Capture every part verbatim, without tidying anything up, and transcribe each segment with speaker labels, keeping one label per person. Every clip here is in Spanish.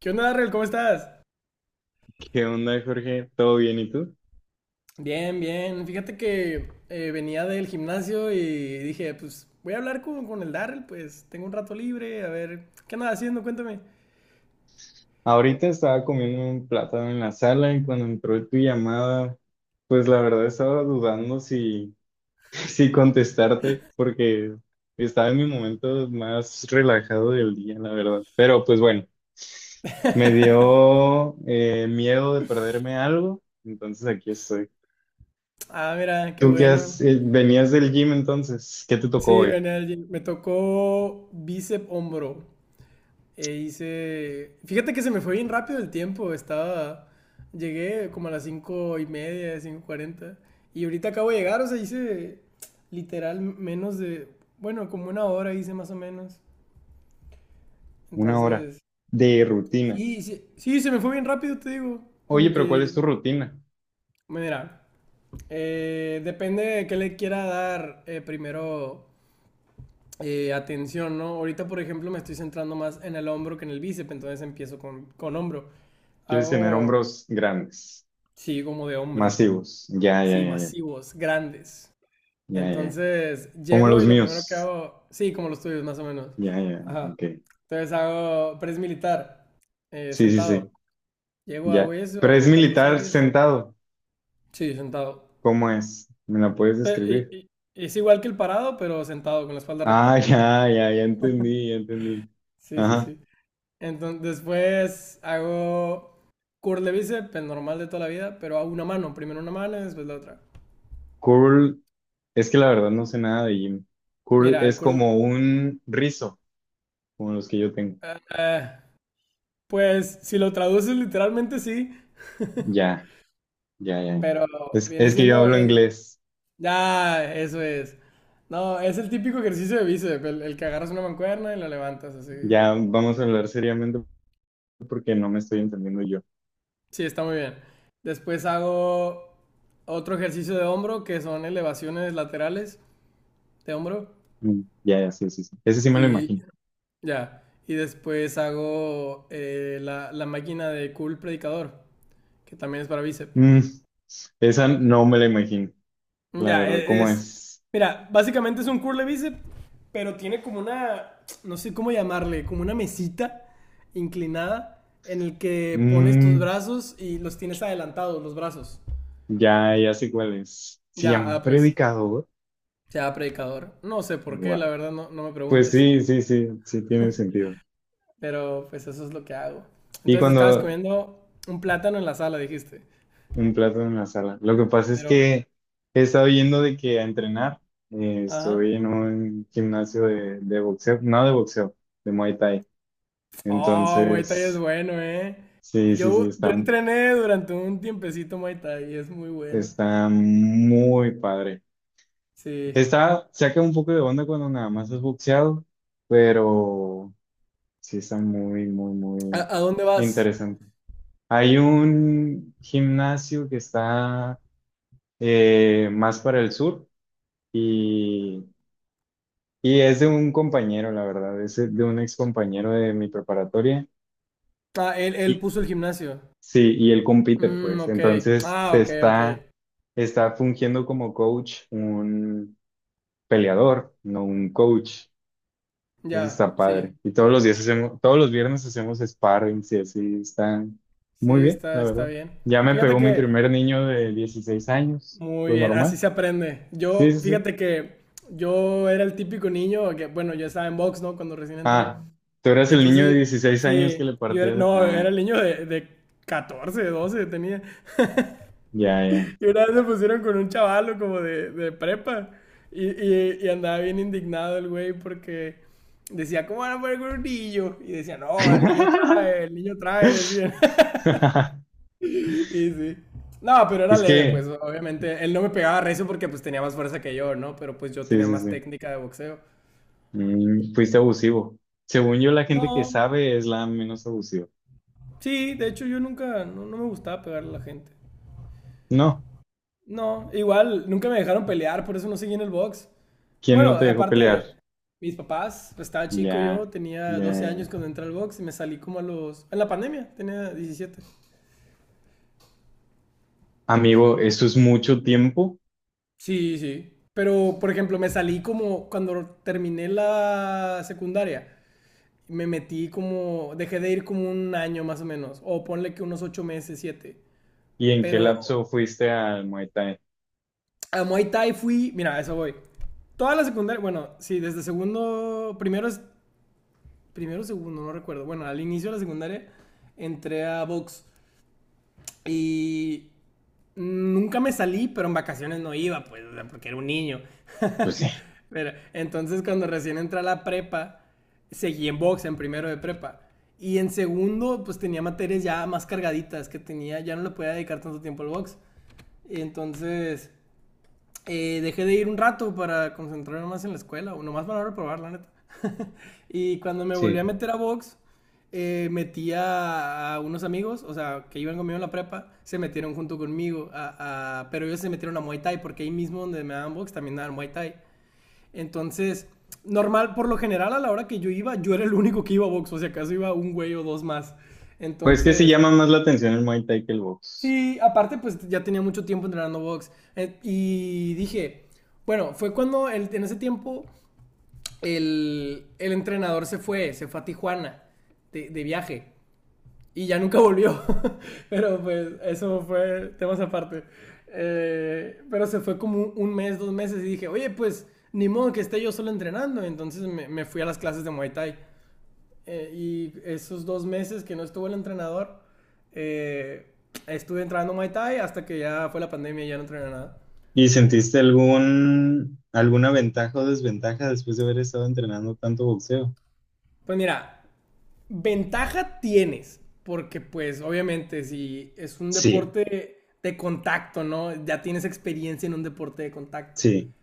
Speaker 1: ¿Qué onda, Darrell? ¿Cómo estás?
Speaker 2: ¿Qué onda, Jorge? ¿Todo bien? ¿Y tú?
Speaker 1: Bien, bien. Fíjate que eh, venía del gimnasio y dije, pues voy a hablar con, con el Darrell, pues tengo un rato libre, a ver, ¿qué andas haciendo? Cuéntame.
Speaker 2: Ahorita estaba comiendo un plátano en la sala y cuando entró tu llamada, pues la verdad estaba dudando si, si contestarte porque estaba en mi momento más relajado del día, la verdad. Pero pues bueno, me dio eh, miedo de perderme algo, entonces aquí estoy.
Speaker 1: Ah, mira, qué
Speaker 2: ¿Tú qué
Speaker 1: bueno.
Speaker 2: has, eh, venías del gym entonces? ¿Qué te tocó
Speaker 1: Sí,
Speaker 2: hoy?
Speaker 1: venía al gym. Me tocó bíceps hombro. E hice... Fíjate que se me fue bien rápido el tiempo, estaba... Llegué como a las cinco y media, cinco cuarenta. Y ahorita acabo de llegar, o sea, hice literal menos de... Bueno, como una hora hice más o menos.
Speaker 2: Una hora
Speaker 1: Entonces,
Speaker 2: de rutina.
Speaker 1: sí, sí, sí, se me fue bien rápido, te digo. Como
Speaker 2: Oye, pero ¿cuál
Speaker 1: que,
Speaker 2: es tu rutina?
Speaker 1: mira, eh, depende de qué le quiera dar eh, primero eh, atención, ¿no? Ahorita, por ejemplo, me estoy centrando más en el hombro que en el bíceps, entonces empiezo con, con hombro.
Speaker 2: ¿Quieres tener
Speaker 1: Hago,
Speaker 2: hombros grandes?
Speaker 1: sí, como de hombre,
Speaker 2: Masivos. Ya, ya,
Speaker 1: sí,
Speaker 2: ya,
Speaker 1: masivos, grandes.
Speaker 2: ya, ya, ya.
Speaker 1: Entonces,
Speaker 2: Como
Speaker 1: llego
Speaker 2: los
Speaker 1: y lo primero que
Speaker 2: míos.
Speaker 1: hago, sí, como los tuyos, más o menos.
Speaker 2: Ya, ya,
Speaker 1: Ajá.
Speaker 2: ok.
Speaker 1: Entonces hago press militar, eh,
Speaker 2: Sí, sí,
Speaker 1: sentado.
Speaker 2: sí,
Speaker 1: Llego, hago
Speaker 2: ya.
Speaker 1: eso,
Speaker 2: Pero es
Speaker 1: hago cuatro
Speaker 2: militar
Speaker 1: series.
Speaker 2: sentado.
Speaker 1: Sí, sentado.
Speaker 2: ¿Cómo es? ¿Me la puedes
Speaker 1: Eh, y-
Speaker 2: describir?
Speaker 1: y- es igual que el parado, pero sentado con la espalda
Speaker 2: Ah,
Speaker 1: recta.
Speaker 2: ya, ya, ya entendí, ya entendí.
Speaker 1: Sí, sí,
Speaker 2: Ajá.
Speaker 1: sí. Entonces, después hago curl de bíceps, el normal de toda la vida, pero hago una mano, primero una mano y después la otra.
Speaker 2: Curl, es que la verdad no sé nada de gym. Curl
Speaker 1: Mira, el
Speaker 2: es
Speaker 1: curl,
Speaker 2: como un rizo, como los que yo tengo.
Speaker 1: ah, ah, pues si lo traduces literalmente sí,
Speaker 2: Ya, ya, ya.
Speaker 1: pero
Speaker 2: Es,
Speaker 1: viene
Speaker 2: es que yo
Speaker 1: siendo
Speaker 2: hablo
Speaker 1: el...
Speaker 2: inglés.
Speaker 1: Ya, eso es. No, es el típico ejercicio de bíceps, el, el que agarras una mancuerna y la levantas así.
Speaker 2: Ya vamos a hablar seriamente porque no me estoy entendiendo yo.
Speaker 1: Sí, está muy bien. Después hago otro ejercicio de hombro, que son elevaciones laterales de hombro.
Speaker 2: Mm, ya, ya, sí, sí, sí. Ese sí me lo
Speaker 1: Y
Speaker 2: imagino.
Speaker 1: ya. Y después hago eh, la, la máquina de curl predicador, que también es para bíceps.
Speaker 2: Mm, esa no me la imagino, la
Speaker 1: Ya,
Speaker 2: verdad,
Speaker 1: e-
Speaker 2: ¿cómo
Speaker 1: es...
Speaker 2: es?
Speaker 1: Mira, básicamente es un curl de bíceps, pero tiene como una... No sé cómo llamarle, como una mesita inclinada en el que pones tus
Speaker 2: Mm,
Speaker 1: brazos y los tienes adelantados, los brazos.
Speaker 2: ya, ya sé cuál es. Se
Speaker 1: Ya,
Speaker 2: llama
Speaker 1: ah, pues
Speaker 2: predicador.
Speaker 1: sea predicador. No sé por qué, la
Speaker 2: Wow.
Speaker 1: verdad, no, no me
Speaker 2: Pues
Speaker 1: preguntes.
Speaker 2: sí, sí, sí, sí tiene sentido.
Speaker 1: Pero pues eso es lo que hago.
Speaker 2: Y
Speaker 1: Entonces estabas
Speaker 2: cuando
Speaker 1: comiendo un plátano en la sala, dijiste.
Speaker 2: un plato en la sala. Lo que pasa es
Speaker 1: Pero,
Speaker 2: que he estado yendo de que a entrenar. Eh,
Speaker 1: ajá.
Speaker 2: estoy en un gimnasio de, de boxeo, no de boxeo, de Muay Thai.
Speaker 1: Oh, Muay Thai es
Speaker 2: Entonces,
Speaker 1: bueno, ¿eh?
Speaker 2: sí, sí, sí,
Speaker 1: Yo, yo
Speaker 2: está,
Speaker 1: entrené durante un tiempecito Muay Thai y es muy bueno.
Speaker 2: está muy padre.
Speaker 1: Sí.
Speaker 2: Está, saca un poco de onda cuando nada más es boxeado, pero sí está muy, muy,
Speaker 1: ¿A,
Speaker 2: muy
Speaker 1: a dónde vas?
Speaker 2: interesante. Hay un gimnasio que está eh, más para el sur y, y es de un compañero, la verdad, es de un ex compañero de mi preparatoria.
Speaker 1: Ah, él, él
Speaker 2: Y
Speaker 1: puso el gimnasio.
Speaker 2: sí, y él compite,
Speaker 1: Mm,
Speaker 2: pues.
Speaker 1: ok.
Speaker 2: Entonces
Speaker 1: Ah,
Speaker 2: te
Speaker 1: ok, ok.
Speaker 2: está, está fungiendo como coach un peleador, no un coach. Entonces
Speaker 1: Ya,
Speaker 2: está
Speaker 1: sí.
Speaker 2: padre. Y todos los días hacemos, todos los viernes hacemos sparrings y así están
Speaker 1: Sí,
Speaker 2: muy bien,
Speaker 1: está,
Speaker 2: la
Speaker 1: está
Speaker 2: verdad.
Speaker 1: bien.
Speaker 2: Ya me
Speaker 1: Fíjate
Speaker 2: pegó mi
Speaker 1: que
Speaker 2: primer niño de dieciséis años,
Speaker 1: muy
Speaker 2: lo
Speaker 1: bien, así
Speaker 2: normal.
Speaker 1: se aprende.
Speaker 2: Sí,
Speaker 1: Yo,
Speaker 2: sí, sí.
Speaker 1: fíjate que yo era el típico niño que, bueno, yo estaba en box, ¿no? Cuando recién entré.
Speaker 2: Ah, tú eras el
Speaker 1: Entonces,
Speaker 2: niño de
Speaker 1: yo,
Speaker 2: dieciséis años
Speaker 1: sí,
Speaker 2: que le
Speaker 1: yo era,
Speaker 2: partía.
Speaker 1: no, era
Speaker 2: Ah,
Speaker 1: el niño de, de catorce, doce tenía.
Speaker 2: ya, ya.
Speaker 1: Y una vez me pusieron con un chavalo como de, de prepa. Y, y- y andaba bien indignado el güey porque decía, ¿cómo van a poner con un niño? Y decía, no, el niño trae, el niño trae, decía. Y sí. No, pero era
Speaker 2: Es
Speaker 1: leve, pues
Speaker 2: que,
Speaker 1: obviamente. Él no me pegaba recio porque pues tenía más fuerza que yo, ¿no? Pero pues yo
Speaker 2: sí,
Speaker 1: tenía
Speaker 2: sí,
Speaker 1: más
Speaker 2: sí.
Speaker 1: técnica de boxeo.
Speaker 2: Mm, fuiste abusivo. Según yo, la gente que
Speaker 1: No,
Speaker 2: sabe es la menos abusiva.
Speaker 1: sí, de hecho yo nunca, no, no me gustaba pegarle a la gente.
Speaker 2: No,
Speaker 1: No, igual, nunca me dejaron pelear, por eso no seguí en el box.
Speaker 2: ¿quién
Speaker 1: Bueno,
Speaker 2: no te dejó pelear?
Speaker 1: aparte, mis papás, pues estaba chico yo,
Speaker 2: Ya,
Speaker 1: tenía
Speaker 2: ya,
Speaker 1: doce
Speaker 2: ya.
Speaker 1: años cuando entré al box y me salí como a los... En la pandemia, tenía diecisiete.
Speaker 2: Amigo, eso es mucho tiempo.
Speaker 1: Sí, sí. Pero, por ejemplo, me salí como cuando terminé la secundaria. Me metí como, dejé de ir como un año más o menos, o ponle que unos ocho meses, siete.
Speaker 2: ¿Y en qué
Speaker 1: Pero
Speaker 2: lapso fuiste al Muay Thai?
Speaker 1: a Muay Thai fui, mira, a eso voy. Toda la secundaria, bueno, sí, desde segundo, primero es, primero, segundo, no recuerdo. Bueno, al inicio de la secundaria entré a box y nunca me salí, pero en vacaciones no iba, pues, porque era un niño.
Speaker 2: Pues sí,
Speaker 1: Mira, entonces cuando recién entré a la prepa, seguí en box en primero de prepa. Y en segundo, pues tenía materias ya más cargaditas que tenía, ya no le podía dedicar tanto tiempo al box. Y entonces eh, dejé de ir un rato para concentrarme más en la escuela, o nomás para probar, la neta. Y cuando me volví a
Speaker 2: sí,
Speaker 1: meter a box, eh, metí a, a unos amigos, o sea, que iban conmigo en la prepa, se metieron junto conmigo, a- a- pero ellos se metieron a Muay Thai, porque ahí mismo donde me daban box también daban Muay Thai. Entonces, normal, por lo general, a la hora que yo iba, yo era el único que iba a box, o si acaso iba un güey o dos más.
Speaker 2: pues que sí
Speaker 1: Entonces,
Speaker 2: llama más la atención el Muay Thai que el box.
Speaker 1: sí, aparte, pues ya tenía mucho tiempo entrenando box. Eh, y dije, bueno, fue cuando el- en ese tiempo el, el entrenador se fue, se fue a Tijuana de, de viaje. Y ya nunca volvió. Pero pues eso fue temas aparte. Eh, pero se fue como un mes, dos meses y dije, oye, pues ni modo que esté yo solo entrenando. Entonces me, me fui a las clases de Muay Thai. Eh, y esos dos meses que no estuvo el entrenador, eh, estuve entrenando Muay Thai hasta que ya fue la pandemia y ya no entrené nada.
Speaker 2: ¿Y sentiste algún, alguna ventaja o desventaja después de haber estado entrenando tanto boxeo?
Speaker 1: Pues mira, ventaja tienes, porque pues obviamente si es un
Speaker 2: Sí,
Speaker 1: deporte de contacto, ¿no? Ya tienes experiencia en un deporte de contacto.
Speaker 2: sí,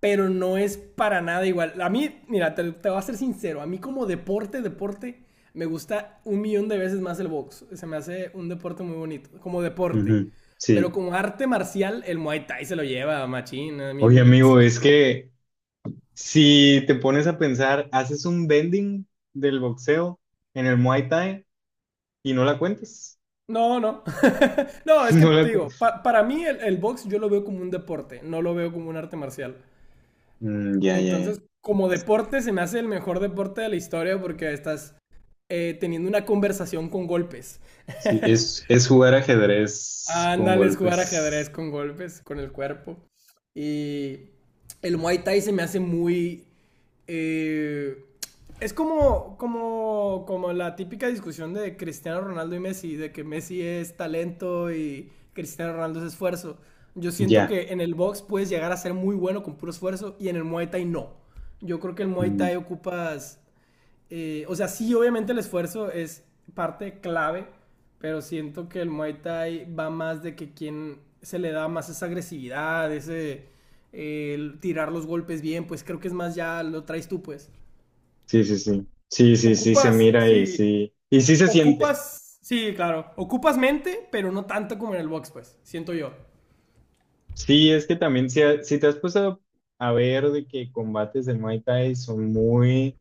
Speaker 1: Pero no es para nada igual. A mí, mira, te, te voy a ser sincero, a mí como deporte, deporte, me gusta un millón de veces más el box. Se me hace un deporte muy bonito, como deporte.
Speaker 2: ujú,
Speaker 1: Pero
Speaker 2: sí.
Speaker 1: como arte marcial, el Muay Thai se lo lleva, machín. A
Speaker 2: Oye,
Speaker 1: mí,
Speaker 2: amigo,
Speaker 1: sí,
Speaker 2: es
Speaker 1: sí.
Speaker 2: que si te pones a pensar, haces un bending del boxeo en el Muay Thai y no la cuentas.
Speaker 1: No, no. No, es que
Speaker 2: No
Speaker 1: te
Speaker 2: la cu-
Speaker 1: digo, pa- para mí el, el box yo lo veo como un deporte, no lo veo como un arte marcial.
Speaker 2: Mm, ya, ya, ya.
Speaker 1: Entonces, como deporte, se me hace el mejor deporte de la historia porque estás eh, teniendo una conversación con golpes.
Speaker 2: Sí, es, es jugar ajedrez con
Speaker 1: Ándale, es jugar ajedrez
Speaker 2: golpes.
Speaker 1: con golpes, con el cuerpo. Y el Muay Thai se me hace muy... eh, es como, como, como la típica discusión de Cristiano Ronaldo y Messi, de que Messi es talento y Cristiano Ronaldo es esfuerzo. Yo siento
Speaker 2: Ya.
Speaker 1: que en el box puedes llegar a ser muy bueno con puro esfuerzo y en el Muay Thai no. Yo creo que el Muay Thai ocupas eh, o sea, sí, obviamente el esfuerzo es parte clave, pero siento que el Muay Thai va más de que quien se le da más esa agresividad, ese eh, el tirar los golpes bien, pues creo que es más ya lo traes tú, pues.
Speaker 2: Sí, sí, sí. Sí, sí, sí, se
Speaker 1: Ocupas,
Speaker 2: mira y
Speaker 1: sí,
Speaker 2: sí. Y sí se siente.
Speaker 1: ocupas, sí, claro, ocupas mente, pero no tanto como en el box, pues, siento yo.
Speaker 2: Sí, es que también si, ha- si te has puesto a ver de que combates de Muay Thai son muy,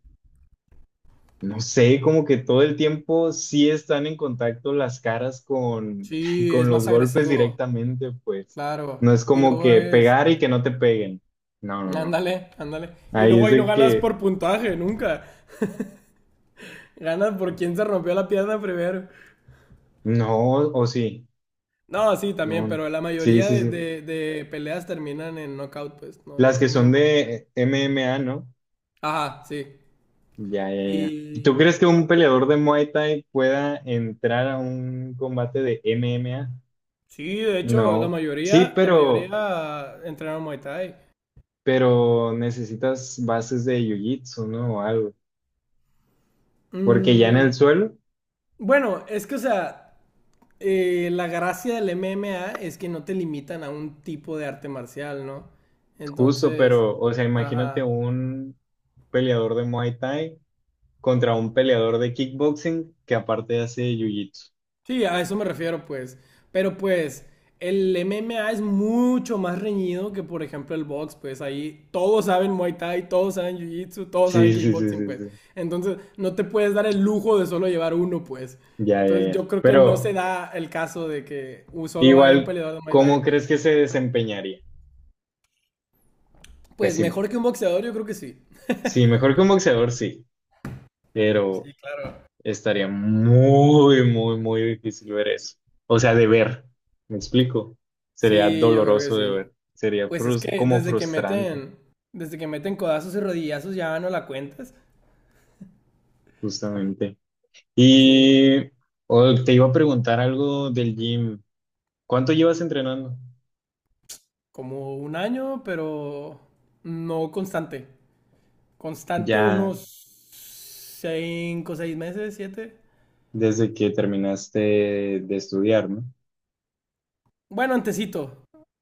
Speaker 2: no sé, como que todo el tiempo sí están en contacto las caras con,
Speaker 1: Sí, es
Speaker 2: con
Speaker 1: más
Speaker 2: los golpes
Speaker 1: agresivo,
Speaker 2: directamente, pues.
Speaker 1: claro.
Speaker 2: No es
Speaker 1: Y
Speaker 2: como
Speaker 1: luego
Speaker 2: que
Speaker 1: es,
Speaker 2: pegar y que no te peguen. No, no, no.
Speaker 1: ándale, ándale. Y
Speaker 2: Ahí
Speaker 1: luego
Speaker 2: es
Speaker 1: ahí no
Speaker 2: de
Speaker 1: ganas
Speaker 2: que
Speaker 1: por puntaje, nunca. Gana por quien se rompió la pierna primero.
Speaker 2: no, o sí.
Speaker 1: No, sí, también,
Speaker 2: No.
Speaker 1: pero la
Speaker 2: Sí,
Speaker 1: mayoría
Speaker 2: sí,
Speaker 1: de,
Speaker 2: sí.
Speaker 1: de- de peleas terminan en knockout, pues. No, no
Speaker 2: Las que
Speaker 1: terminan
Speaker 2: son
Speaker 1: por puntería.
Speaker 2: de M M A, ¿no?
Speaker 1: Ajá, sí.
Speaker 2: Ya, ya, ya.
Speaker 1: Y
Speaker 2: ¿Tú crees que un peleador de Muay Thai pueda entrar a un combate de M M A?
Speaker 1: sí, de hecho, la
Speaker 2: No. Sí,
Speaker 1: mayoría, la
Speaker 2: pero,
Speaker 1: mayoría entrenaron Muay Thai.
Speaker 2: pero necesitas bases de Jiu-Jitsu, ¿no? O algo. Porque ya en
Speaker 1: Mm,
Speaker 2: el suelo,
Speaker 1: bueno, es que, o sea, eh, la gracia del M M A es que no te limitan a un tipo de arte marcial, ¿no?
Speaker 2: justo,
Speaker 1: Entonces,
Speaker 2: pero, o sea, imagínate
Speaker 1: ajá.
Speaker 2: un peleador de Muay Thai contra un peleador de kickboxing que aparte hace Jiu-Jitsu.
Speaker 1: Sí, a eso me refiero, pues. Pero pues, el M M A es mucho más reñido que, por ejemplo, el box, pues ahí todos saben Muay Thai, todos saben Jiu-Jitsu, todos saben
Speaker 2: Sí, sí, sí,
Speaker 1: kickboxing,
Speaker 2: sí,
Speaker 1: pues.
Speaker 2: sí.
Speaker 1: Entonces, no te puedes dar el lujo de solo llevar uno, pues.
Speaker 2: Ya, ya,
Speaker 1: Entonces,
Speaker 2: ya.
Speaker 1: yo creo que
Speaker 2: Pero
Speaker 1: no se da el caso de que uh, solo vaya un
Speaker 2: igual,
Speaker 1: peleador de Muay Thai.
Speaker 2: ¿cómo crees que se desempeñaría?
Speaker 1: Pues
Speaker 2: Pésimo.
Speaker 1: mejor que un boxeador, yo creo que sí.
Speaker 2: Sí, mejor que un boxeador, sí, pero
Speaker 1: Sí, claro.
Speaker 2: estaría muy, muy, muy difícil ver eso. O sea, de ver, ¿me explico? Sería
Speaker 1: Sí, yo creo que
Speaker 2: doloroso de
Speaker 1: sí.
Speaker 2: ver, sería
Speaker 1: Pues es
Speaker 2: frus-
Speaker 1: que
Speaker 2: como
Speaker 1: desde que
Speaker 2: frustrante,
Speaker 1: meten, desde que meten codazos y rodillazos ya no la cuentas.
Speaker 2: justamente.
Speaker 1: Sí,
Speaker 2: Y oh, te iba a preguntar algo del gym. ¿Cuánto llevas entrenando?
Speaker 1: como un año, pero no constante. Constante
Speaker 2: Ya
Speaker 1: unos cinco, seis meses, siete.
Speaker 2: desde que terminaste de estudiar, ¿no?
Speaker 1: Bueno, antesito.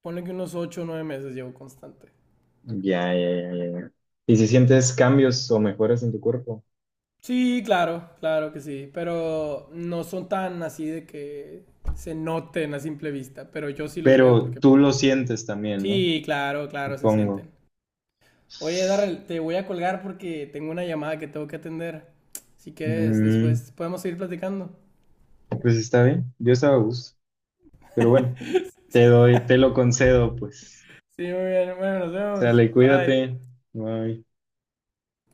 Speaker 1: Ponle que unos ocho o nueve meses llevo constante.
Speaker 2: Ya, ya, ya, ya, ya. ¿Y si sientes cambios o mejoras en tu cuerpo?
Speaker 1: Sí, claro, claro que sí. Pero no son tan así de que se noten a simple vista. Pero yo sí los veo
Speaker 2: Pero
Speaker 1: porque...
Speaker 2: tú lo sientes también, ¿no?
Speaker 1: Sí, claro, claro, se
Speaker 2: Supongo.
Speaker 1: sienten. Oye, Darrell, te voy a colgar porque tengo una llamada que tengo que atender. Si quieres,
Speaker 2: Mm,
Speaker 1: después podemos seguir platicando.
Speaker 2: pues está bien, yo estaba a gusto, pero bueno, te doy, te lo concedo, pues.
Speaker 1: Sí, muy bien. Bueno, nos vemos.
Speaker 2: Sale,
Speaker 1: Bye.
Speaker 2: cuídate. Bye.